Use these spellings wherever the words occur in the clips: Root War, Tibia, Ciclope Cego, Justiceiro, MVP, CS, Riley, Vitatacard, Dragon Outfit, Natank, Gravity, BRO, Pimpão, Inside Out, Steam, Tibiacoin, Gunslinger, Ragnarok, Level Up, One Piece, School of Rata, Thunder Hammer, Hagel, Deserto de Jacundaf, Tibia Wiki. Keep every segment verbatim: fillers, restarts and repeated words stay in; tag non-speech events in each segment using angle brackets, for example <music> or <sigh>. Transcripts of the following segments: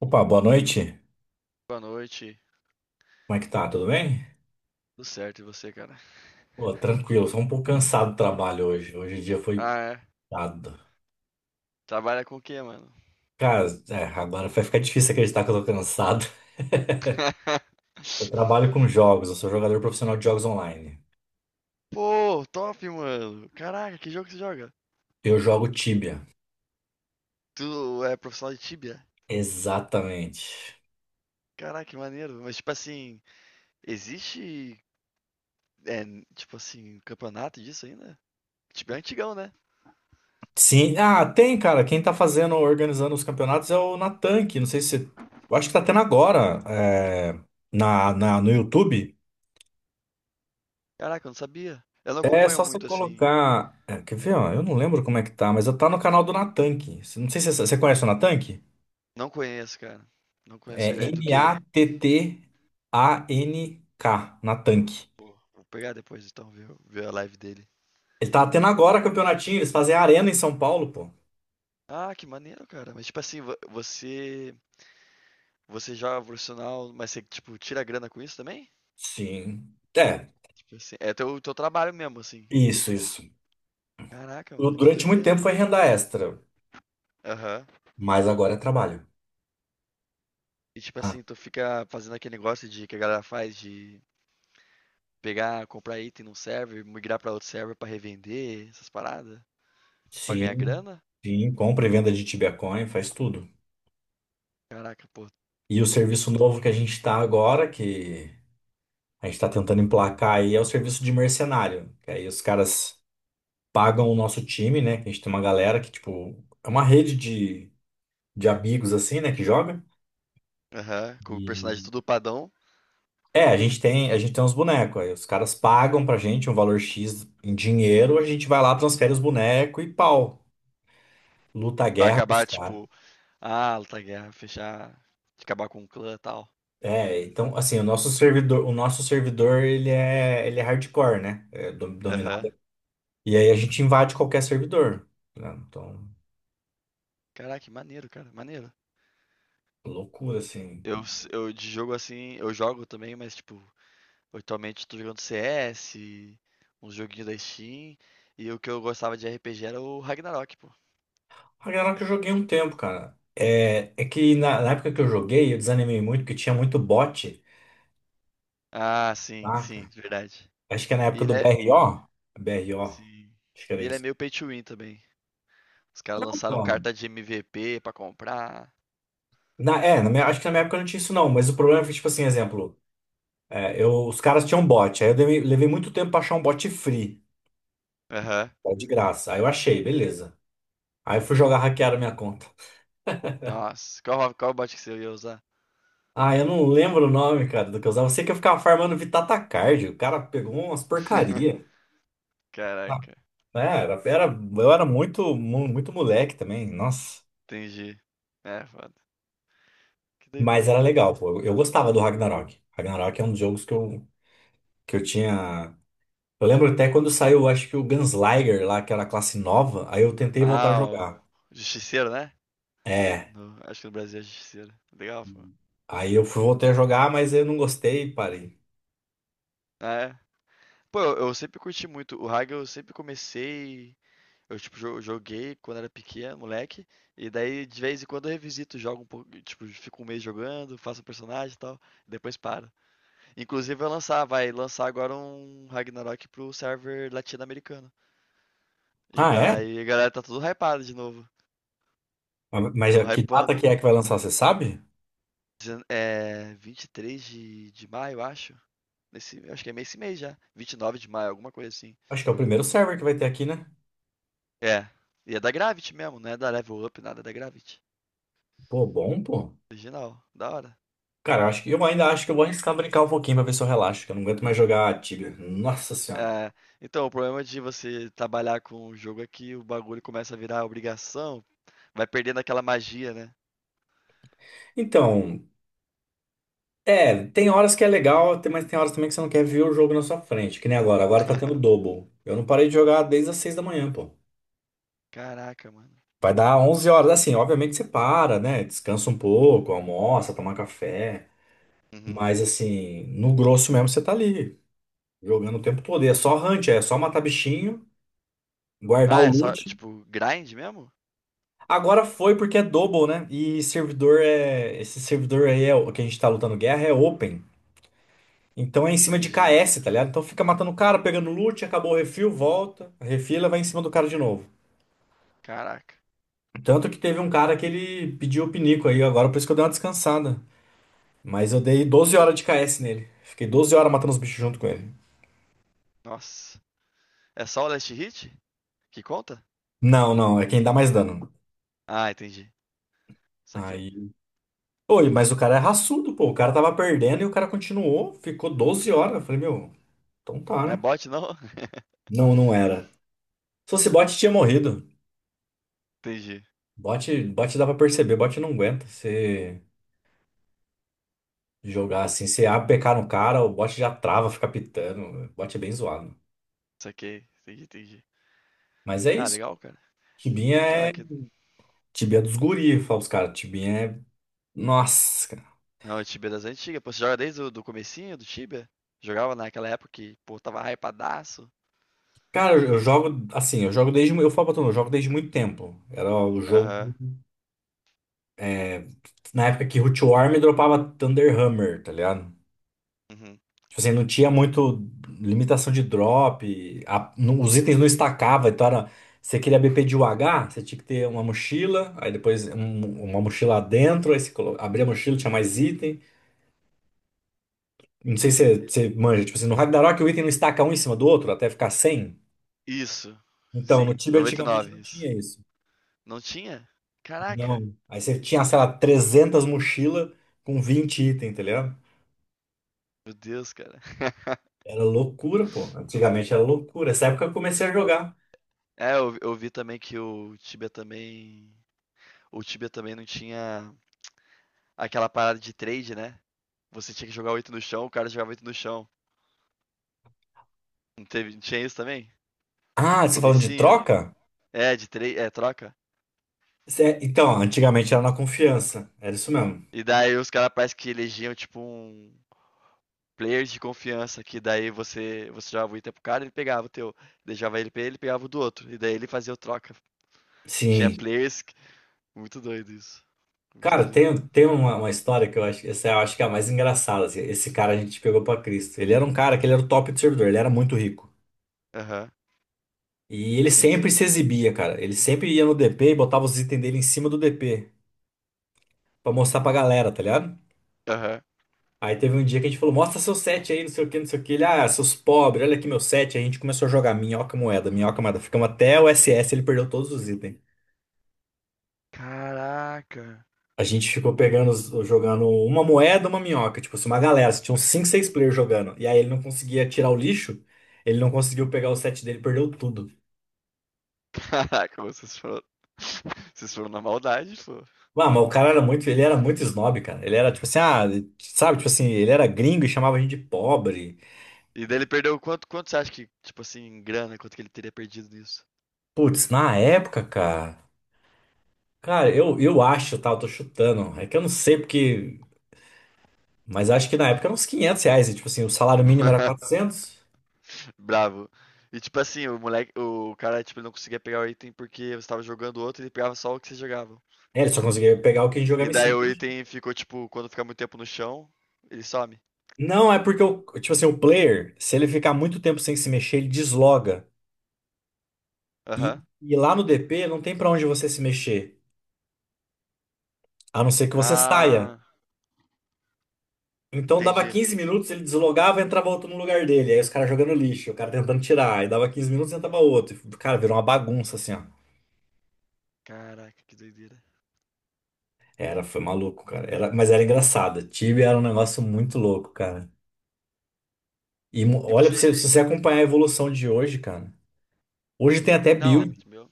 Opa, boa noite. Boa noite. Como é que tá? Tudo bem? Tudo certo e você, cara? Pô, tranquilo, só um pouco cansado do trabalho hoje. Hoje o dia foi Ah, é. dado. Trabalha com o quê, mano? Cara, é, agora vai ficar difícil acreditar que eu tô cansado. <laughs> <laughs> Eu trabalho com jogos, eu sou jogador profissional de jogos online. Pô, top, mano. Caraca, que jogo que você joga? Eu jogo Tibia. Tu é profissional de Tibia? Exatamente. Caraca, que maneiro. Mas, tipo assim, existe, é, tipo assim, campeonato disso ainda? Tibia é antigão, né? Sim, ah, tem, cara. Quem tá fazendo, organizando os campeonatos é o Natan, que não sei se. Eu acho que tá tendo agora, é, na, na, no YouTube. Caraca, eu não sabia. Eu não É acompanho só você muito, assim. colocar. É, quer ver, ó? Eu não lembro como é que tá, mas eu tá no canal do Natank. Você- Não sei se você você conhece o Natank. Não conheço, cara. Não É conheço ele. É do quê? N A T T A N K, Natank. Pô, vou pegar depois, então, ver, ver a live dele. Ele tá tendo agora campeonatinho, eles fazem arena em São Paulo, pô. Ah, que maneiro, cara. Mas, tipo assim, vo- você Você joga profissional, mas você, tipo, tira grana com isso também? Sim. É, Tipo assim, é teu, teu trabalho mesmo, assim. isso, isso. Caraca, Eu, mano, que Durante muito tempo doideira. foi renda extra, Aham. mas agora é trabalho. E tipo Ah, assim, tu fica fazendo aquele negócio de que a galera faz de pegar, comprar item num server, migrar pra outro server pra revender, essas paradas, pra ganhar sim, grana. sim. Compra e venda de Tibiacoin, faz tudo. Caraca, pô. E o serviço do- novo que a gente tá agora, que a gente está tentando emplacar aí é o serviço de mercenário. Que aí os caras pagam o nosso time, né? Que a gente tem uma galera que, tipo, é uma rede de, de amigos assim, né? Que joga. Aham, com o personagem E tudo padão, é, a gente tem, a gente tem uns bonecos. Aí os caras pagam pra gente um valor X em dinheiro, a gente vai lá, transfere os bonecos e pau. Luta a pra guerra pros acabar, caras. tipo, ah, lutar guerra, fechar, acabar com o clã e tal. É, então, assim, o nosso servidor, o nosso servidor, ele é, ele é hardcore, né? É do- Aham. dominado. E aí a gente invade qualquer servidor, né? Então, Caraca, que maneiro, cara, maneiro. loucura, assim. Eu s eu de jogo, assim, eu jogo também, mas, tipo, atualmente tô jogando C S, uns joguinhos da Steam, e o que eu gostava de R P G era o Ragnarok, pô. Ragnarok eu joguei um tempo, cara. É, é que na, na época que eu joguei, eu desanimei muito, porque tinha muito bot, Ah, sim, sim, saca? verdade. Acho que é na E época ele do é B R O. B R O, sim. acho que E era ele é isso. meio pay to win também. Os caras Não, lançaram então, carta de M V P pra comprar. na, é, na minha- acho que na minha época não tinha isso não, mas o problema foi, tipo assim, exemplo, é, eu, os caras tinham bot, aí eu dei- levei muito tempo pra achar um bot free, Aham. tá, de graça. Aí eu achei, beleza. Aí eu fui jogar, hackearam minha conta. Nossa, qual qual bot que você ia usar? Ah, eu não lembro o nome, cara, do que eu usava. Eu sei que eu ficava farmando Vitatacard, o cara pegou umas porcaria. <laughs> Caraca, É, era, era- eu era muito, mu- muito moleque também, nossa. entendi. É foda. Que Mas doideira, era cara. legal, pô. Eu, eu gostava do Ragnarok. Ragnarok é um dos jogos que eu, que eu tinha. Eu lembro até quando saiu, acho que o Gunslinger lá, que era a classe nova, aí eu tentei voltar a Ah, Ah, o jogar. Justiceiro, né? É, No- acho que no Brasil é Justiceiro. Legal, pô. Aí eu fui, voltei a jogar, mas eu não gostei e parei. Ah, é. Pô, eu, eu sempre curti muito. O Hagel eu sempre comecei. Eu, tipo, jo- joguei quando era pequeno, moleque. E daí, de vez em quando, eu revisito, jogo um pouco. Tipo, fico um mês jogando, faço um personagem e tal. E depois paro. Inclusive, vai lançar, vai lançar agora um Ragnarok pro server latino-americano. E Ah, é? daí, a galera tá tudo hypada de novo. Mas Tão a- que data que hypando. é que vai lançar, você sabe? Dezen- É. vinte e três de, de maio, acho. Nesse, acho que é esse mês já. vinte e nove de maio, alguma coisa assim. Acho que é o primeiro server que vai ter aqui, né? É. E é da Gravity mesmo, não é da Level Up, nada, é da Gravity. Pô, bom, pô. Original, da hora. Cara, eu acho que eu ainda acho que eu vou arriscar brincar um pouquinho pra ver se eu relaxo, que eu não aguento mais jogar Tibia. Nossa senhora. É, então, o problema de você trabalhar com o jogo é que o bagulho começa a virar obrigação, vai perdendo aquela magia, né? Então, é, tem horas que é legal, tem- mas tem horas também que você não quer ver o jogo na sua frente, que nem agora. Agora tá tendo <laughs> double. Eu não parei de jogar desde as seis da manhã, pô. Caraca, mano. Vai dar onze horas, assim, obviamente você para, né? Descansa um pouco, almoça, toma café. Uhum. Mas, assim, no grosso mesmo você tá ali, jogando o tempo todo. E é só hunt, é só matar bichinho, guardar Ah, o é só, loot. tipo, grind mesmo? Agora foi porque é double, né? E servidor é. Esse servidor aí é o que a gente tá lutando guerra é open. Então é em cima de Entendi. K S, tá ligado? Então fica matando o cara, pegando loot, acabou o refil, volta, refila, vai em cima do cara de novo. Caraca. Tanto que teve um cara que ele pediu o pinico aí agora, por isso que eu dei uma descansada. Mas eu dei doze Uhum. horas de K S nele. Fiquei doze horas matando os bichos junto com ele. Nossa. É só o last hit que conta? Não, não, é quem dá mais dano. Ah, entendi. Saquei. Aí. Oi, mas o cara é raçudo, pô. O cara tava perdendo e o cara continuou, ficou doze horas. Eu falei, meu, então tá, Não é né? bot, não? <laughs> Não, não era. Se fosse bot, tinha morrido. Entendi. Bot, bot dá pra perceber, bot não aguenta. Você. Jogar assim, você A P K no cara, o bot já trava, fica pitando. O bot é bem zoado. Saquei. Entendi, entendi. Mas é Ah, isso. legal, cara. Tibinha Cara, é. que Tibinha é dos guri, fala os caras. Tibinha é. Nossa, cara. Não, o Tibia das antigas. Pô, você joga desde o do comecinho do Tibia? Jogava naquela época que, pô, tava hypadaço. Cara, eu eu jogo assim, eu jogo desde. mu- Eu falo pra tu, eu jogo desde muito tempo. Era o jogo. Aham. Na época que Root War me dropava Thunder Hammer, tá ligado? Uhum. Tipo assim, não tinha muito limitação de drop, a- não- os itens não estacavam, então era. Você queria B P de UH, você tinha que ter uma mochila, aí depois um- uma mochila lá dentro, aí você colo- abria a mochila, tinha mais item. Não sei se Doideira. você você manja, tipo assim, no Ragnarok o item não estaca um em cima do outro até ficar cem. Isso. Então, no Sim, Tibia antigamente noventa e nove, não isso. tinha isso. Não tinha? Caraca. Não. Aí você tinha, sei lá, trezentas mochilas com vinte itens, tá ligado? Meu Deus, cara. <laughs> Era loucura, pô. Antigamente era loucura. Essa época eu comecei a jogar. É, eu, vi- eu vi também que o Tibia também. O Tibia também não tinha aquela parada de trade, né? Você tinha que jogar oito no chão, o cara jogava oito no chão. Não teve, não tinha isso também? Ah, No você falando de comecinho? troca? É, de trade, é, troca. Cê- Então, antigamente era na confiança. Era isso mesmo. E daí os caras parece que elegiam tipo um, players de confiança que daí você, você jogava o item pro cara, ele pegava o teu, deixava ele pra ele, ele pegava o do outro, e daí ele fazia o troca. <laughs> Tinha Sim. players. que- Muito doido isso. Muito Cara, doido. tem, tem uma, uma história que eu acho, essa eu acho que é a mais engraçada, assim. Esse cara a gente pegou pra Cristo. Ele era um cara que ele era o top do servidor, ele era muito rico. Aham, E ele sim. sempre se exibia, cara. Ele sempre ia no D P e botava os itens dele em cima do D P pra mostrar pra galera, tá ligado? Aham. Aí teve um dia que a gente falou: mostra seu set aí, não sei o que, não sei o que. Ele, ah, seus pobres, olha aqui meu set. Aí a gente começou a jogar minhoca moeda, minhoca moeda. Ficamos até o S S, ele perdeu todos os itens. Caraca. A gente ficou pegando, os- jogando uma moeda, uma minhoca, tipo assim, uma galera, tinham cinco seis players jogando. E aí ele não conseguia tirar o lixo, ele não conseguiu pegar o set dele, perdeu tudo. <laughs> Caraca, vocês foram. <laughs> Vocês foram na maldade, pô. Ah, mas o cara era muito, ele era muito snob, cara. Ele era tipo assim, ah, sabe, tipo assim, ele era gringo e chamava a gente de pobre. E daí ele perdeu quanto, quanto, você acha que, tipo assim, em grana, quanto que ele teria perdido nisso? Putz, na época, cara, cara, eu, eu acho, tá, eu tô chutando. É que eu não sei porque, mas acho que na época era uns quinhentos reais, e, tipo assim, o salário mínimo era <laughs> quatrocentos. Bravo. E tipo assim, o moleque, o cara, tipo, ele não conseguia pegar o item porque você tava jogando outro e ele pegava só o que você jogava. É, ele só conseguia pegar o que a gente E jogava em daí cima. o item ficou tipo, quando fica muito tempo no chão, ele some. Não, é porque o, tipo assim, o player, se ele ficar muito tempo sem se mexer, ele desloga. E, Aham. e lá no D P não tem pra onde você se mexer, a não ser que você saia. Ah, Então dava entendi. quinze minutos, ele deslogava e entrava outro no lugar dele. Aí os caras jogando lixo, o cara tentando tirar. Aí dava quinze minutos e entrava outro. E, cara, virou uma bagunça assim, ó. Caraca, que doideira. Era, foi maluco, cara. Era, mas era engraçado. Tibia era um negócio muito louco, cara. E mo- E olha, pra você. você, se você acompanhar a evolução de hoje, cara. Hoje tem até build. Não, meu,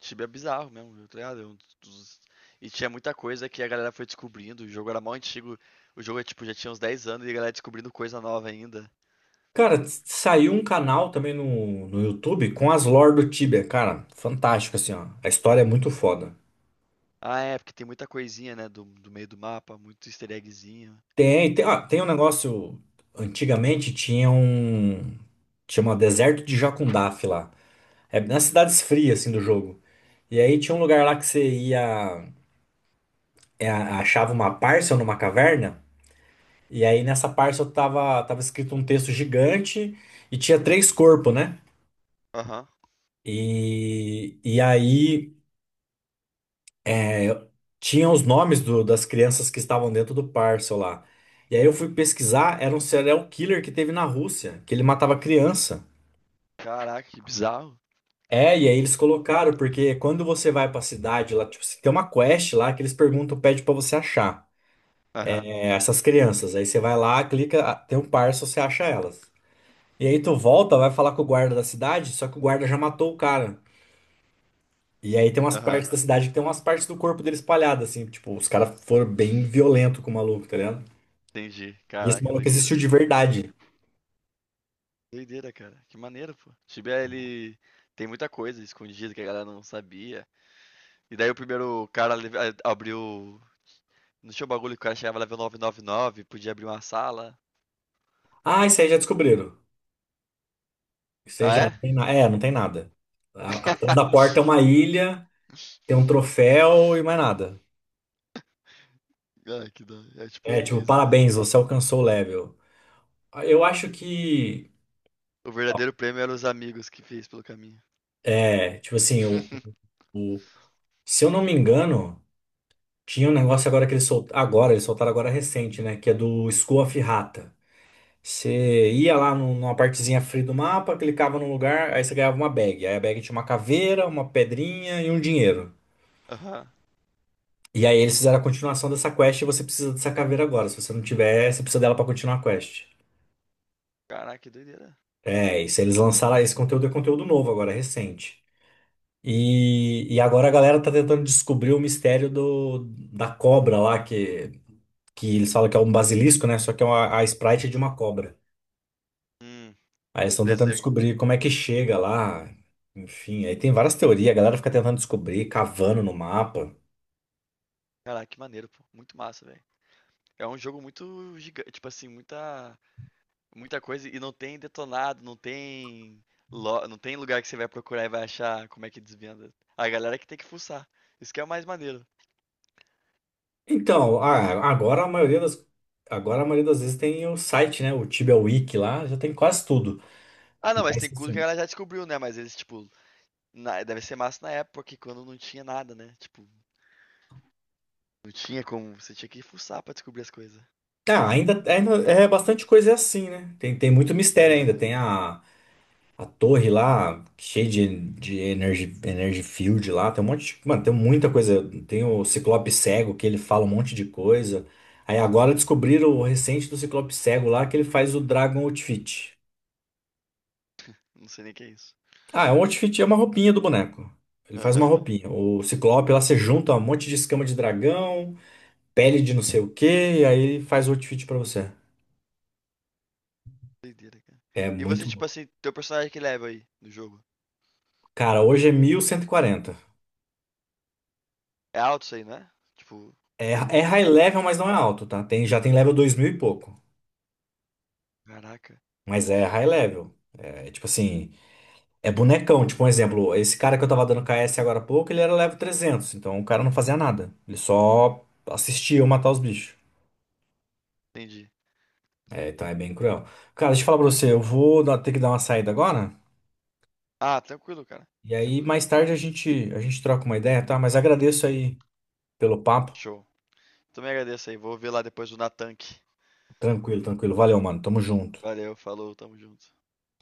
Tibia é bizarro mesmo, viu? Tá ligado? É um dos- E tinha muita coisa que a galera foi descobrindo. O jogo era mal antigo. O jogo é, tipo, já tinha uns dez anos e a galera descobrindo coisa nova ainda. Cara, s- saiu um canal também no, no YouTube com as lore do Tibia, cara, fantástico assim, ó. A história é muito foda. Ah, é, porque tem muita coisinha, né? Do, do meio do mapa, muito easter eggzinho. Tem, tem, ah, tem um negócio, antigamente tinha um, chama Deserto de Jacundaf lá. É nas cidades frias assim do jogo. E aí tinha um lugar lá que você ia, é, achava uma parcel numa caverna, e aí nessa parcel tava, tava escrito um texto gigante e tinha três corpos, né? Aham. E, e aí, É, tinha os nomes do- das crianças que estavam dentro do parcel lá. E aí eu fui pesquisar, era um serial killer que teve na Rússia, que ele matava criança. Caraca, que bizarro. É, e aí eles colocaram, porque quando você vai pra cidade lá, tipo, se tem uma quest lá que eles perguntam, pede pra você achar Aham. é, essas crianças. Aí você vai lá, clica, ah, tem um parcel, você acha elas. E aí tu volta, vai falar com o guarda da cidade, só que o guarda já matou o cara. E aí tem umas Aham. partes da cidade que tem umas partes do corpo dele espalhadas, assim, tipo, os caras foram bem violentos com o maluco, tá ligado? Entendi. E esse Caraca, maluco doideira. existiu de verdade. Doideira, cara. Que maneiro, pô. Tibia, ele tem muita coisa escondida que a galera não sabia. E daí o primeiro cara le- a- abriu. Não tinha o bagulho que o cara chegava level novecentos e noventa e nove, podia abrir uma sala. Ah, isso aí já descobriram. Isso aí Ah, já é? não tem nada. É, não tem nada. A- Atrás da <laughs> porta é uma ilha, tem um troféu e mais nada. Ah, que da hora. É tipo É, One tipo, Piece, né? parabéns, você alcançou o level. Eu acho que. O verdadeiro prêmio eram os amigos que fez pelo caminho. É, tipo assim, o, <laughs> o- se eu não me engano, tinha um negócio agora que eles soltaram. Agora, eles soltaram agora recente, né? Que é do School of Rata. Você ia lá num- numa partezinha free do mapa, clicava num lugar, aí você ganhava uma bag. Aí a bag tinha uma caveira, uma pedrinha e um dinheiro. Aham. E aí eles fizeram a continuação dessa quest e você precisa dessa caveira agora. Se você não tiver, você precisa dela pra continuar a quest. Caraca, que doideira. É, isso. Eles lançaram esse conteúdo, é conteúdo novo agora, recente. E, e agora a galera tá tentando descobrir o mistério do, da cobra lá, que, que eles falam que é um basilisco, né? Só que é uma, a Sprite é de uma cobra. Hum. Aí eles estão Daí tentando descobrir como é que chega lá. Enfim, aí tem várias teorias, a galera fica tentando descobrir, cavando no mapa. Caraca, que maneiro, pô. Muito massa, velho. É um jogo muito gigante, tipo assim, muita Muita coisa e não tem detonado, não tem lo- não tem lugar que você vai procurar e vai achar como é que desvenda. A galera é que tem que fuçar. Isso que é o mais maneiro. Então, a- agora a maioria das, agora a maioria das vezes tem o site, né? O Tibia Wiki lá, já tem quase tudo. Ah, não, mas tem Mas coisa que a assim, galera já descobriu, né? Mas eles, tipo, na- deve ser massa na época, que quando não tinha nada, né? Tipo, não tinha como. Você tinha que fuçar pra descobrir as coisas. tá, ainda, ainda é bastante coisa é assim, né? Tem, tem muito mistério Aham. ainda. Tem a, a torre lá, cheia de, de energy, energy field lá, tem um monte de, mano, tem muita coisa. Tem o Ciclope Cego, que ele fala um monte de coisa. Aí agora descobriram o recente do Ciclope Cego lá, que ele faz o Dragon Outfit. Não sei nem o que é isso. Ah, é um outfit, é uma roupinha do boneco. Ele faz uma Aham. roupinha. O Ciclope lá você junta um monte de escama de dragão, pele de não sei o quê, e aí ele faz o outfit pra você. Doideira, cara. É E você, muito tipo louco. assim, teu personagem que level aí no jogo? Cara, hoje é mil cento e quarenta. É alto isso aí, não é? Tipo, É, é high pro. level, mas não é alto, tá? Tem, já tem level dois mil e pouco. Caraca. Mas é high level. É tipo assim, é bonecão. Tipo um exemplo, esse cara que eu tava dando K S agora há pouco, ele era level trezentos. Então o cara não fazia nada. Ele só assistia eu matar os bichos. Entendi. É, então é bem cruel. Cara, deixa eu falar pra você, eu vou dar- ter que dar uma saída agora. Ah, tranquilo, cara. E aí, Tranquilo. mais tarde a gente, a gente troca uma ideia, tá? Mas agradeço aí pelo papo. Show. Também agradeço aí. Vou ver lá depois do Natank. Tranquilo, tranquilo. Valeu, mano. Tamo junto. Valeu, falou, tamo junto.